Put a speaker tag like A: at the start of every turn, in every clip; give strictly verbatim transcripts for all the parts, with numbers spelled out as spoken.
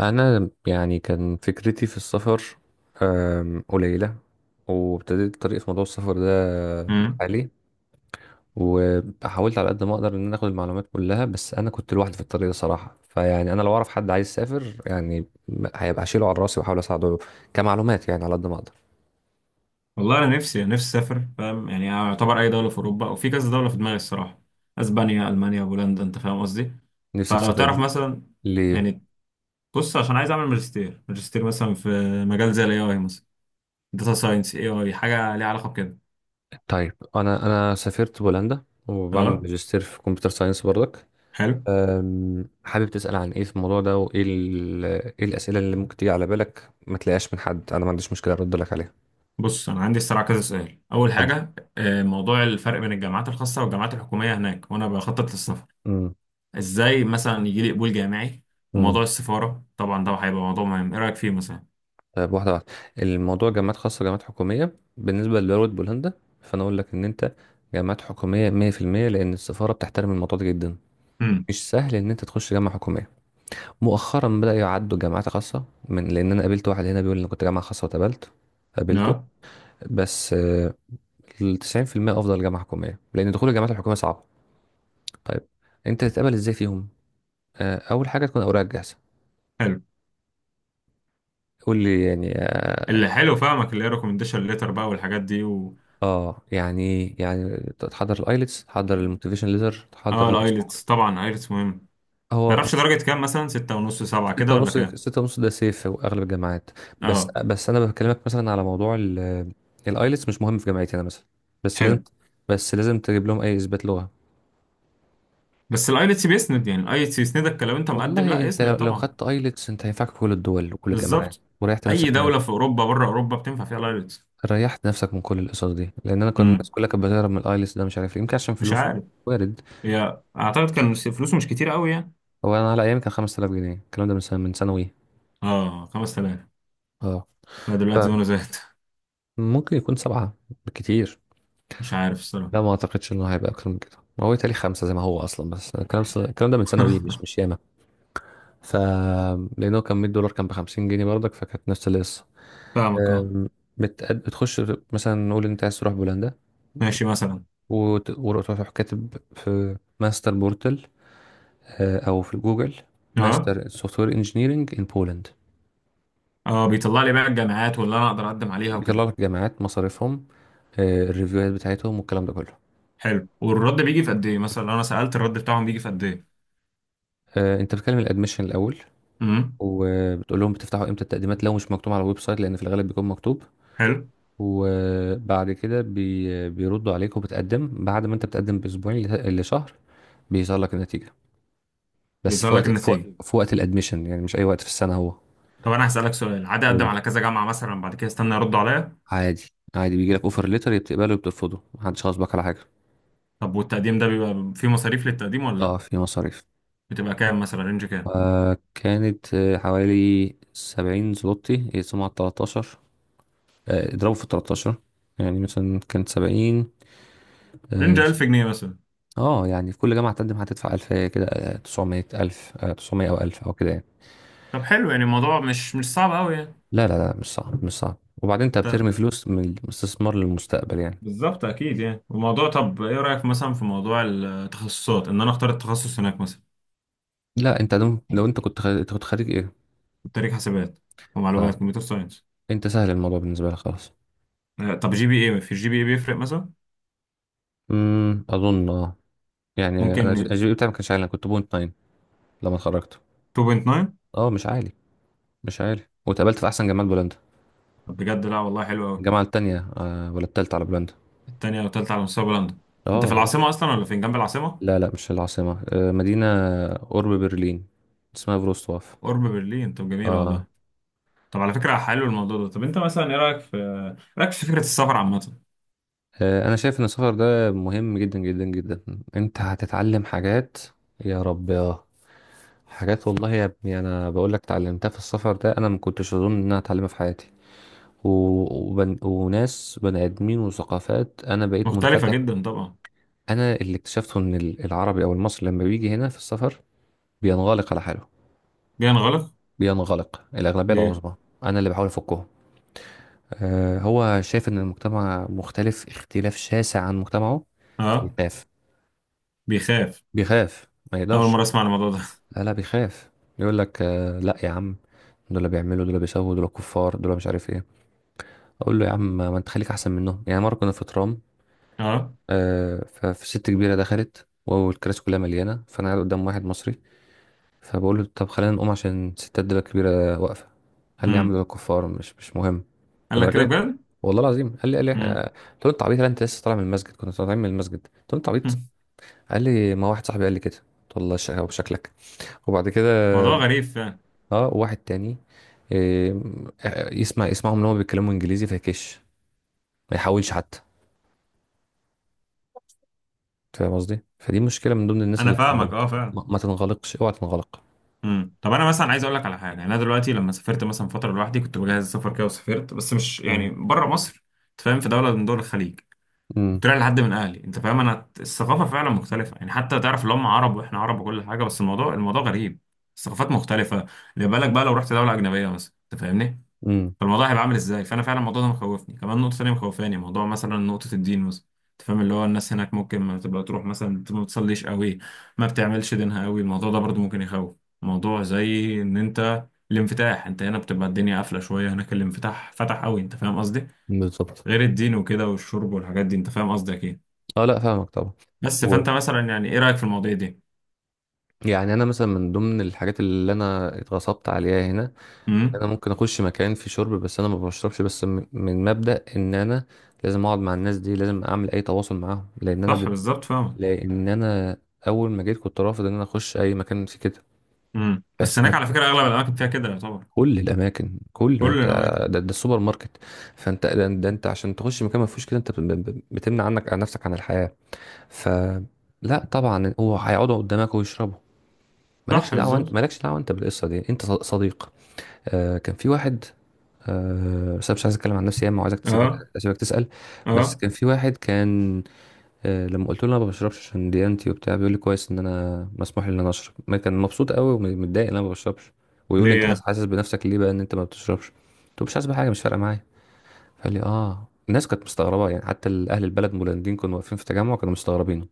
A: انا يعني كان فكرتي في السفر أم، قليله. وابتديت طريقي في موضوع السفر ده
B: امم
A: لحالي. وحاولت على قد ما اقدر ان انا اخد المعلومات كلها، بس انا كنت لوحدي في الطريق ده صراحه. فيعني انا لو اعرف حد عايز يسافر يعني م- هيبقى هشيله على راسي واحاول اساعده كمعلومات، يعني على قد ما اقدر.
B: والله انا نفسي نفسي اسافر، فاهم يعني؟ اعتبر اي دوله في اوروبا او في كذا دوله في دماغي الصراحه. اسبانيا، المانيا، بولندا، انت فاهم قصدي.
A: نفسك
B: فلو تعرف
A: تسافر؟
B: مثلا،
A: ليه؟
B: يعني بص، عشان عايز اعمل ماجستير ماجستير مثلا في مجال زي الاي اي مثلا، داتا ساينس، اي اي حاجه ليها علاقه بكده.
A: طيب، انا انا سافرت بولندا وبعمل
B: اه،
A: ماجستير في كمبيوتر ساينس برضك.
B: حلو.
A: أم، حابب تسأل عن ايه في الموضوع ده؟ وايه ال- ايه الأسئلة اللي ممكن تيجي على بالك ما تلاقيهاش من حد؟ انا ما عنديش مشكلة ارد لك عليها.
B: بص انا عندي الصراحه كذا سؤال. اول
A: اتفضل.
B: حاجه آه، موضوع الفرق بين الجامعات الخاصه والجامعات الحكوميه هناك، وانا بخطط للسفر.
A: امم.
B: ازاي مثلا يجي لي قبول جامعي؟
A: امم.
B: وموضوع السفاره طبعا ده هيبقى موضوع مهم، ايه رايك فيه مثلا؟
A: طيب، واحدة واحدة. الموضوع جامعات خاصة، جامعات حكومية بالنسبة لدولة بولندا. فأنا أقول لك إن أنت جامعات حكومية مية في المية، لأن السفارة بتحترم الموضوع ده جدا. مش سهل إن أنت تخش جامعة حكومية. مؤخرا بدأ يعدوا جامعات خاصة، من لأن أنا قابلت واحد هنا بيقول إن كنت جامعة خاصة واتقبلت، قابلته.
B: امم.
A: بس التسعين في المية أفضل جامعة حكومية، لأن دخول الجامعات الحكومية صعب. طيب، انت تتقبل ازاي فيهم؟ آه، اول حاجه تكون اوراقك جاهزه.
B: حلو.
A: قول لي يعني. اه
B: اللي حلو فاهمك، اللي هي ريكومنديشن ليتر بقى والحاجات دي و...
A: آه، يعني إيه؟ يعني تحضر الايلتس، تحضر الموتيفيشن ليتر، تحضر
B: اه،
A: الباسبور.
B: الايلتس طبعا، ايلتس مهم.
A: هو
B: تعرفش
A: هو.
B: درجة كام؟ مثلا ستة ونص، سبعة
A: ستة
B: كده ولا
A: ونص
B: كام؟
A: ستة ونص ده سيف في اغلب الجامعات. بس
B: اه.
A: بس انا بكلمك مثلا على موضوع الايلتس مش مهم في جامعتي انا مثلا، بس لازم.
B: حلو.
A: بس لازم تجيب لهم اي اثبات لغه.
B: بس الايلتس بيسند، يعني الايلتس يسندك لو انت مقدم،
A: والله
B: لا
A: انت لو
B: يسند
A: لو
B: طبعا.
A: خدت ايلتس انت هينفعك في كل الدول وكل الجامعات،
B: بالظبط.
A: وريحت نفسك.
B: اي دولة في اوروبا، بره اوروبا، بتنفع فيها الايلتس.
A: ريحت نفسك من كل القصص دي، لان انا كنت الناس
B: امم.
A: كلها كانت بتهرب من الايلتس ده، مش عارف ليه، يمكن عشان
B: مش
A: فلوسه.
B: عارف.
A: وارد.
B: هي اعتقد كان فلوسه مش كتير قوي يعني.
A: هو انا على ايامي كان خمسة آلاف جنيه، الكلام ده من سنه، من ثانوي.
B: اه، خمسة آلاف.
A: اه.
B: لا دلوقتي وانا زهقت
A: فممكن يكون سبعه، بالكتير.
B: مش عارف الصراحة.
A: لا، ما اعتقدش انه هيبقى اكتر من كده، ما هو تالي خمسه زي ما هو اصلا. بس الكلام الكلام ده من ثانوي. مش مش ياما. ف لانه كان مية دولار، كان ب خمسين جنيه برضك، فكانت نفس القصه.
B: فاهمك، اه.
A: أم، بت- بتخش. مثلا نقول إن انت عايز تروح بولندا،
B: ماشي مثلا.
A: وت- وتروح كاتب في ماستر بورتل، آه، او في جوجل:
B: اه.
A: ماستر سوفت وير انجينيرنج ان بولند.
B: اه، بيطلع لي بقى الجامعات واللي انا اقدر اقدم عليها
A: بيطلع
B: وكده.
A: لك جامعات، مصاريفهم، آه، الريفيوهات بتاعتهم والكلام ده كله.
B: حلو. والرد بيجي في قد ايه مثلا؟ لو انا سألت الرد بتاعهم بيجي في قد ايه؟
A: آه، انت بتكلم الادميشن الاول،
B: امم.
A: وبتقول لهم بتفتحوا امتى التقديمات لو مش مكتوب على الويب سايت، لان في الغالب بيكون مكتوب.
B: حلو.
A: وبعد كده بي بيردوا عليك. وبتقدم بعد ما انت بتقدم باسبوعين ل- لشهر بيظهر لك النتيجه. بس في
B: بيظهر لك
A: وقت في وقت,
B: النتيجة.
A: في وقت الادميشن، يعني مش اي وقت في السنه هو.
B: طب انا هسألك سؤال عادي. اقدم
A: قول.
B: على كذا جامعة مثلا، بعد كده استنى يردوا عليا.
A: عادي. عادي بيجي لك اوفر ليتر، بتقبله وبترفضه، محدش غصبك على حاجه.
B: طب والتقديم ده بيبقى فيه مصاريف للتقديم ولا
A: اه،
B: لا؟
A: في مصاريف.
B: بتبقى كام مثلا؟ رينج كام؟
A: وكانت آه، حوالي سبعين زلوتي، يقسموا على تلاتاشر، آه، اضربوا في التلاتاشر. يعني مثلا كانت سبعين.
B: رينج
A: اه.
B: ألف جنيه مثلا؟
A: آه، يعني في كل جامعة تقدم هتدفع ألفاية كده، آه، تسعمية ألف، آه، تسعمية أو ألف أو كده يعني.
B: طب حلو، يعني الموضوع مش مش صعب قوي يعني.
A: لا، لا، لا، مش صعب، مش صعب. وبعدين أنت
B: طب.
A: بترمي فلوس من الاستثمار للمستقبل يعني.
B: بالظبط، اكيد يعني الموضوع. طب ايه رأيك مثلا في موضوع التخصصات، ان انا اختار التخصص هناك مثلا؟
A: لا، أنت دم- لو أنت كنت خارج، أنت كنت خارج إيه؟
B: تاريخ حسابات ومعلومات،
A: طيب،
B: كمبيوتر ساينس.
A: أنت سهل الموضوع بالنسبة لك خلاص.
B: طب جي بي ايه، في الجي بي ايه بيفرق مثلا؟
A: أمم، أظن. أه يعني أنا
B: ممكن.
A: أجيب بتاعي ما كانش عالي، أنا كنت بوينت ناين لما اتخرجت.
B: اتنين فاصلة تسعة.
A: أه مش عالي. مش عارف. واتقابلت في احسن جامعه بولندا،
B: طب بجد؟ لا والله حلو قوي.
A: الجامعه التانية آه ولا التالتة على بولندا.
B: التانية والتالتة على مستوى بولندا.
A: اه.
B: انت في
A: آه.
B: العاصمة اصلا ولا فين، جنب العاصمة؟
A: لا، لا، مش العاصمه، آه مدينه قرب برلين اسمها فروستواف.
B: قرب برلين. طب جميلة
A: اه.
B: والله. طب على فكرة حلو الموضوع ده. طب انت مثلا ايه رأيك في، إيه رأيك في فكرة السفر عامة؟
A: آه، انا شايف ان السفر ده مهم جدا جدا جدا. انت هتتعلم حاجات، يا رب. اه. حاجات والله يا ابني، انا بقول لك اتعلمتها في السفر ده، انا ما كنتش اظن ان انا هتعلمها في حياتي. و... وبن... وناس بني ادمين وثقافات، انا بقيت
B: مختلفة
A: منفتح.
B: جدا طبعا.
A: انا اللي اكتشفته ان ال- العربي او المصري لما بيجي هنا في السفر بينغلق على حاله.
B: جاي نغلق.
A: بينغلق الأغلبية
B: ليه؟
A: العظمى. أنا اللي بحاول أفكهم. آه هو شايف إن المجتمع مختلف اختلاف شاسع عن مجتمعه.
B: اه.
A: بيخاف.
B: بيخاف.
A: بيخاف ما
B: اول
A: يقدرش.
B: مرة اسمع عن الموضوع ده.
A: لا، لا، بيخاف. يقول لك: آه لا يا عم، دول اللي بيعملوا، دول اللي بيسووا، دول كفار، دول مش عارف ايه. اقول له: يا عم ما انت خليك احسن منهم يعني. مره كنا في ترام.
B: اه.
A: آه فست كبيره دخلت والكراسي كلها مليانه، فانا قاعد قدام واحد مصري. فبقول له: طب خلينا نقوم عشان الستات دول الكبيره واقفه. قال لي: يا عم
B: امم.
A: دول كفار، مش مش مهم.
B: قال
A: كنا
B: لك كده
A: راجعين
B: بجد؟
A: والله العظيم. قال لي قال لي آه،
B: امم.
A: قلت له: انت عبيط ولا انت لسه طالع من المسجد؟ كنا طالعين من المسجد. قلت له: انت عبيط. قال لي: ما واحد صاحبي قال لي كده. قلت له: الله يشقى بشكلك. وبعد كده
B: موضوع غريب فعلا.
A: اه، واحد تاني. آه، آه، يسمع يسمعهم ان هم بيتكلموا انجليزي فيكش، ما يحاولش حتى. فاهم قصدي؟ فدي مشكله من ضمن الناس
B: انا
A: اللي
B: فاهمك، اه،
A: بتنغلق.
B: فعلا.
A: ما, ما تنغلقش، اوعى تنغلق.
B: امم. طب انا مثلا عايز اقول لك على حاجه. انا دلوقتي لما سافرت مثلا فتره لوحدي، كنت بجهز السفر كده وسافرت، بس مش
A: مم.
B: يعني بره مصر. أنت فاهم، في دوله من دول الخليج.
A: امم.
B: طلع لحد من اهلي. انت فاهم؟ انا الثقافه فعلا مختلفه، يعني حتى تعرف اللي هم عرب واحنا عرب وكل حاجه، بس الموضوع الموضوع غريب. الثقافات مختلفه. اللي بالك بقى لو رحت دوله اجنبيه مثلا، انت فاهمني؟
A: امم.
B: فالموضوع هيبقى عامل ازاي؟ فانا فعلا الموضوع ده مخوفني. كمان نقطه ثانيه مخوفاني موضوع مثلا، نقطه الدين مثلا. انت فاهم اللي هو الناس هناك ممكن ما تبقى تروح مثلا، ما بتصليش قوي، ما بتعملش دينها قوي. الموضوع ده برضو ممكن يخوف. موضوع زي ان انت الانفتاح، انت هنا بتبقى الدنيا قافله شويه، هناك الانفتاح فتح قوي، انت فاهم قصدي.
A: بالظبط.
B: غير الدين وكده والشرب والحاجات دي، انت فاهم قصدي اكيد.
A: اه، لا، فاهمك طبعا.
B: بس
A: و...
B: فانت مثلا يعني ايه رايك في المواضيع دي؟
A: يعني انا مثلا من ضمن الحاجات اللي انا اتغصبت عليها هنا، انا
B: امم.
A: ممكن اخش مكان في شرب، بس انا ما بشربش، بس م- من مبدأ ان انا لازم اقعد مع الناس دي، لازم اعمل اي تواصل معاهم. لان انا
B: صح
A: ب...
B: بالظبط فاهمك.
A: لان انا اول ما جيت كنت رافض ان انا اخش اي مكان في كده.
B: امم. بس
A: بس
B: هناك
A: انا
B: على فكره اغلب الاماكن فيها كده يعتبر.
A: كل الاماكن، كل ما
B: كل
A: ت-
B: الاماكن.
A: ده, ده السوبر ماركت. فانت، ده, ده انت عشان تخش مكان ما فيهوش كده، انت ب... ب- بتمنع عنك عن نفسك عن الحياة. ف لا طبعا، هو هيقعدوا قدامك ويشربوا.
B: صح
A: مالكش دعوه. انت
B: بالظبط.
A: مالكش دعوه انت بالقصه دي. انت ص- صديق. آه كان في واحد. أه بس انا مش عايز اتكلم عن نفسي ياما، وعايزك تسيبك.
B: اه.
A: اسيبك تسال. بس
B: اه.
A: كان في واحد، كان. أه لما قلت له انا ما بشربش عشان ديانتي وبتاع، بيقول لي: كويس ان انا مسموح لي ان انا اشرب. ما كان مبسوط قوي، ومتضايق ان انا ما بشربش. ويقول لي: انت حاسس
B: ليه؟
A: حاسس بنفسك ليه بقى ان انت ما بتشربش؟ قلت له: مش حاسس بحاجه، مش فارقه معايا. فقال لي: اه الناس كانت مستغربه يعني، حتى اهل البلد المولنديين كانوا واقفين في تجمع، كانوا مستغربين.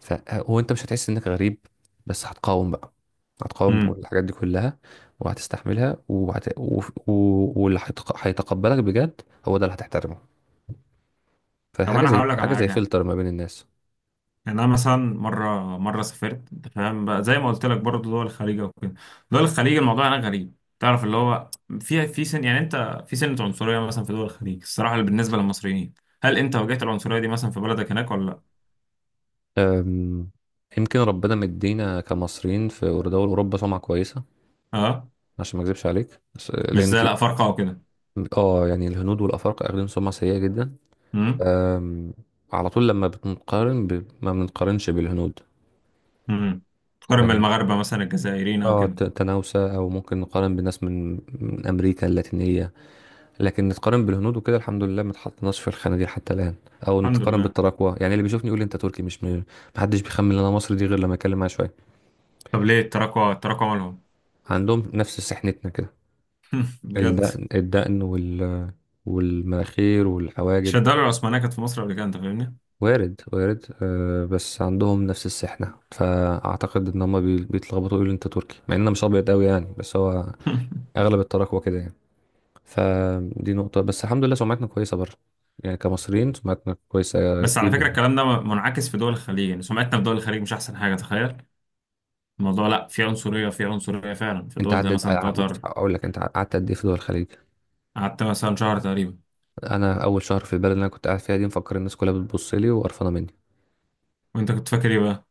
A: فهو انت مش هتحس انك غريب، بس هتقاوم بقى. هتقاوم
B: امم.
A: الحاجات دي كلها. وهتستحملها وهت... و... و... واللي هيتق- هيتقبلك بجد، هو ده اللي هتحترمه.
B: طب
A: فحاجة
B: انا
A: زي
B: هقول لك على
A: حاجة زي
B: حاجه.
A: فلتر ما بين الناس.
B: يعني انا مثلا مره مره سافرت انت فاهم بقى، زي ما قلت لك برضه دول الخليج وكده. دول الخليج الموضوع هناك غريب، تعرف اللي هو في في سن يعني انت، في سنه عنصريه مثلا في دول الخليج الصراحه اللي بالنسبه للمصريين. هل انت واجهت العنصريه دي مثلا في بلدك هناك ولا لا؟
A: أم... يمكن ربنا مدينا كمصريين في دول أوروبا سمعة كويسة.
B: اه.
A: عشان ما اكذبش عليك بس-
B: مش
A: لأن
B: زي،
A: في...
B: لا، فرقه وكده.
A: اه، يعني الهنود والأفارقة أخدين سمعة سيئة جدا. أم... على طول لما بنقارن ب... ما بنقارنش بالهنود.
B: امم. تقارن بالمغاربة مثلا، الجزائريين أو
A: اه،
B: كده.
A: ت- تناوسة، او ممكن نقارن بناس من من امريكا اللاتينية. لكن نتقارن بالهنود وكده، الحمد لله ما اتحطناش في الخانة دي حتى الان. او
B: الحمد
A: نتقارن
B: لله.
A: بالتراكوة يعني. اللي بيشوفني يقول لي انت تركي، مش م- محدش بيخمن ان انا مصري دي، غير لما اتكلم معاه شوية.
B: طب ليه التراكوة، التراكوة مالهم؟
A: عندهم نفس سحنتنا كده،
B: بجد؟
A: الدقن الدقن وال والمناخير
B: مش
A: والحواجب.
B: الدولة العثمانية كانت في مصر قبل كده، أنت فاهمني؟
A: وارد، وارد. آه بس عندهم نفس السحنة، فاعتقد ان هم بي- بيتلخبطوا، يقولوا انت تركي، مع ان انا مش ابيض قوي يعني. بس هو اغلب التراكوة كده يعني. فدي نقطة. بس الحمد لله سمعتنا كويسة بره، يعني كمصريين سمعتنا كويسة
B: بس على فكرة
A: جدا بره.
B: الكلام ده منعكس في دول الخليج، يعني سمعتنا في دول الخليج مش أحسن حاجة، تخيل. الموضوع لأ، في عنصرية، في عنصرية فعلا في
A: انت
B: دول زي
A: عدد
B: مثلا
A: ع- بص
B: قطر.
A: اقول لك، انت قعدت قد ايه في دول الخليج؟
B: قعدت مثلا شهر تقريبا.
A: انا اول شهر في البلد اللي انا كنت قاعد فيها دي، مفكر الناس كلها بتبص لي وقرفانة مني.
B: وأنت كنت فاكر إيه بقى؟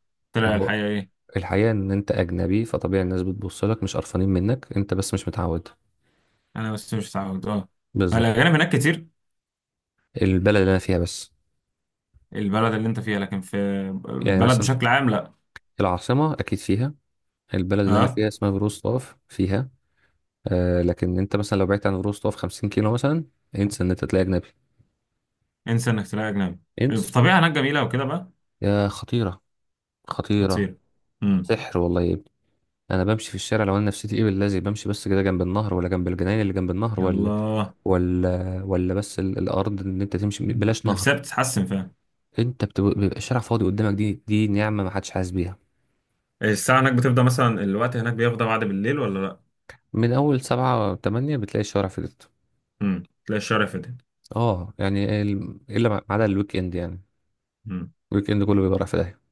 A: ما
B: طلع
A: هو
B: الحقيقة إيه؟
A: الحقيقة ان انت اجنبي، فطبيعي الناس بتبص لك، مش قرفانين منك انت، بس مش متعود.
B: أنا بس مش متعود، أه.
A: بالظبط.
B: الأجانب هناك كتير.
A: البلد اللي انا فيها بس.
B: البلد اللي أنت فيها، لكن في
A: يعني
B: البلد
A: مثلا
B: بشكل عام لأ.
A: العاصمة اكيد فيها. البلد اللي انا
B: أه.
A: فيها اسمها فيروزلاف فيها. آه لكن انت مثلا لو بعدت عن فيروزلاف خمسين كيلو مثلا، انسى ان انت تلاقي اجنبي.
B: انسى انك تلاقي اجنبي.
A: انسى.
B: الطبيعه هناك جميله وكده بقى؟
A: يا خطيرة، خطيرة.
B: خطير. امم.
A: سحر والله يا ابني. أنا بمشي في الشارع، لو أنا نفسيتي إيه بالذي، بمشي بس كده جنب النهر ولا جنب الجناين اللي جنب النهر، ولا
B: يلا.
A: ولا ولا بس ال- الأرض، إن أنت تمشي بلاش نهر.
B: نفسها بتتحسن فعلا.
A: أنت بتب- بيبقى الشارع فاضي قدامك، دي دي نعمة ما حدش حاسس بيها.
B: الساعه هناك بتفضى مثلا، الوقت هناك بيفضى بعد بالليل ولا لا؟
A: من أول سبعة تمانية بتلاقي الشارع فضيت.
B: امم. تلاقي الشارع فاتت.
A: أه يعني ال- إلا ما ما عدا الويك إند يعني. الويك إند كله بيبقى رايح في داهية.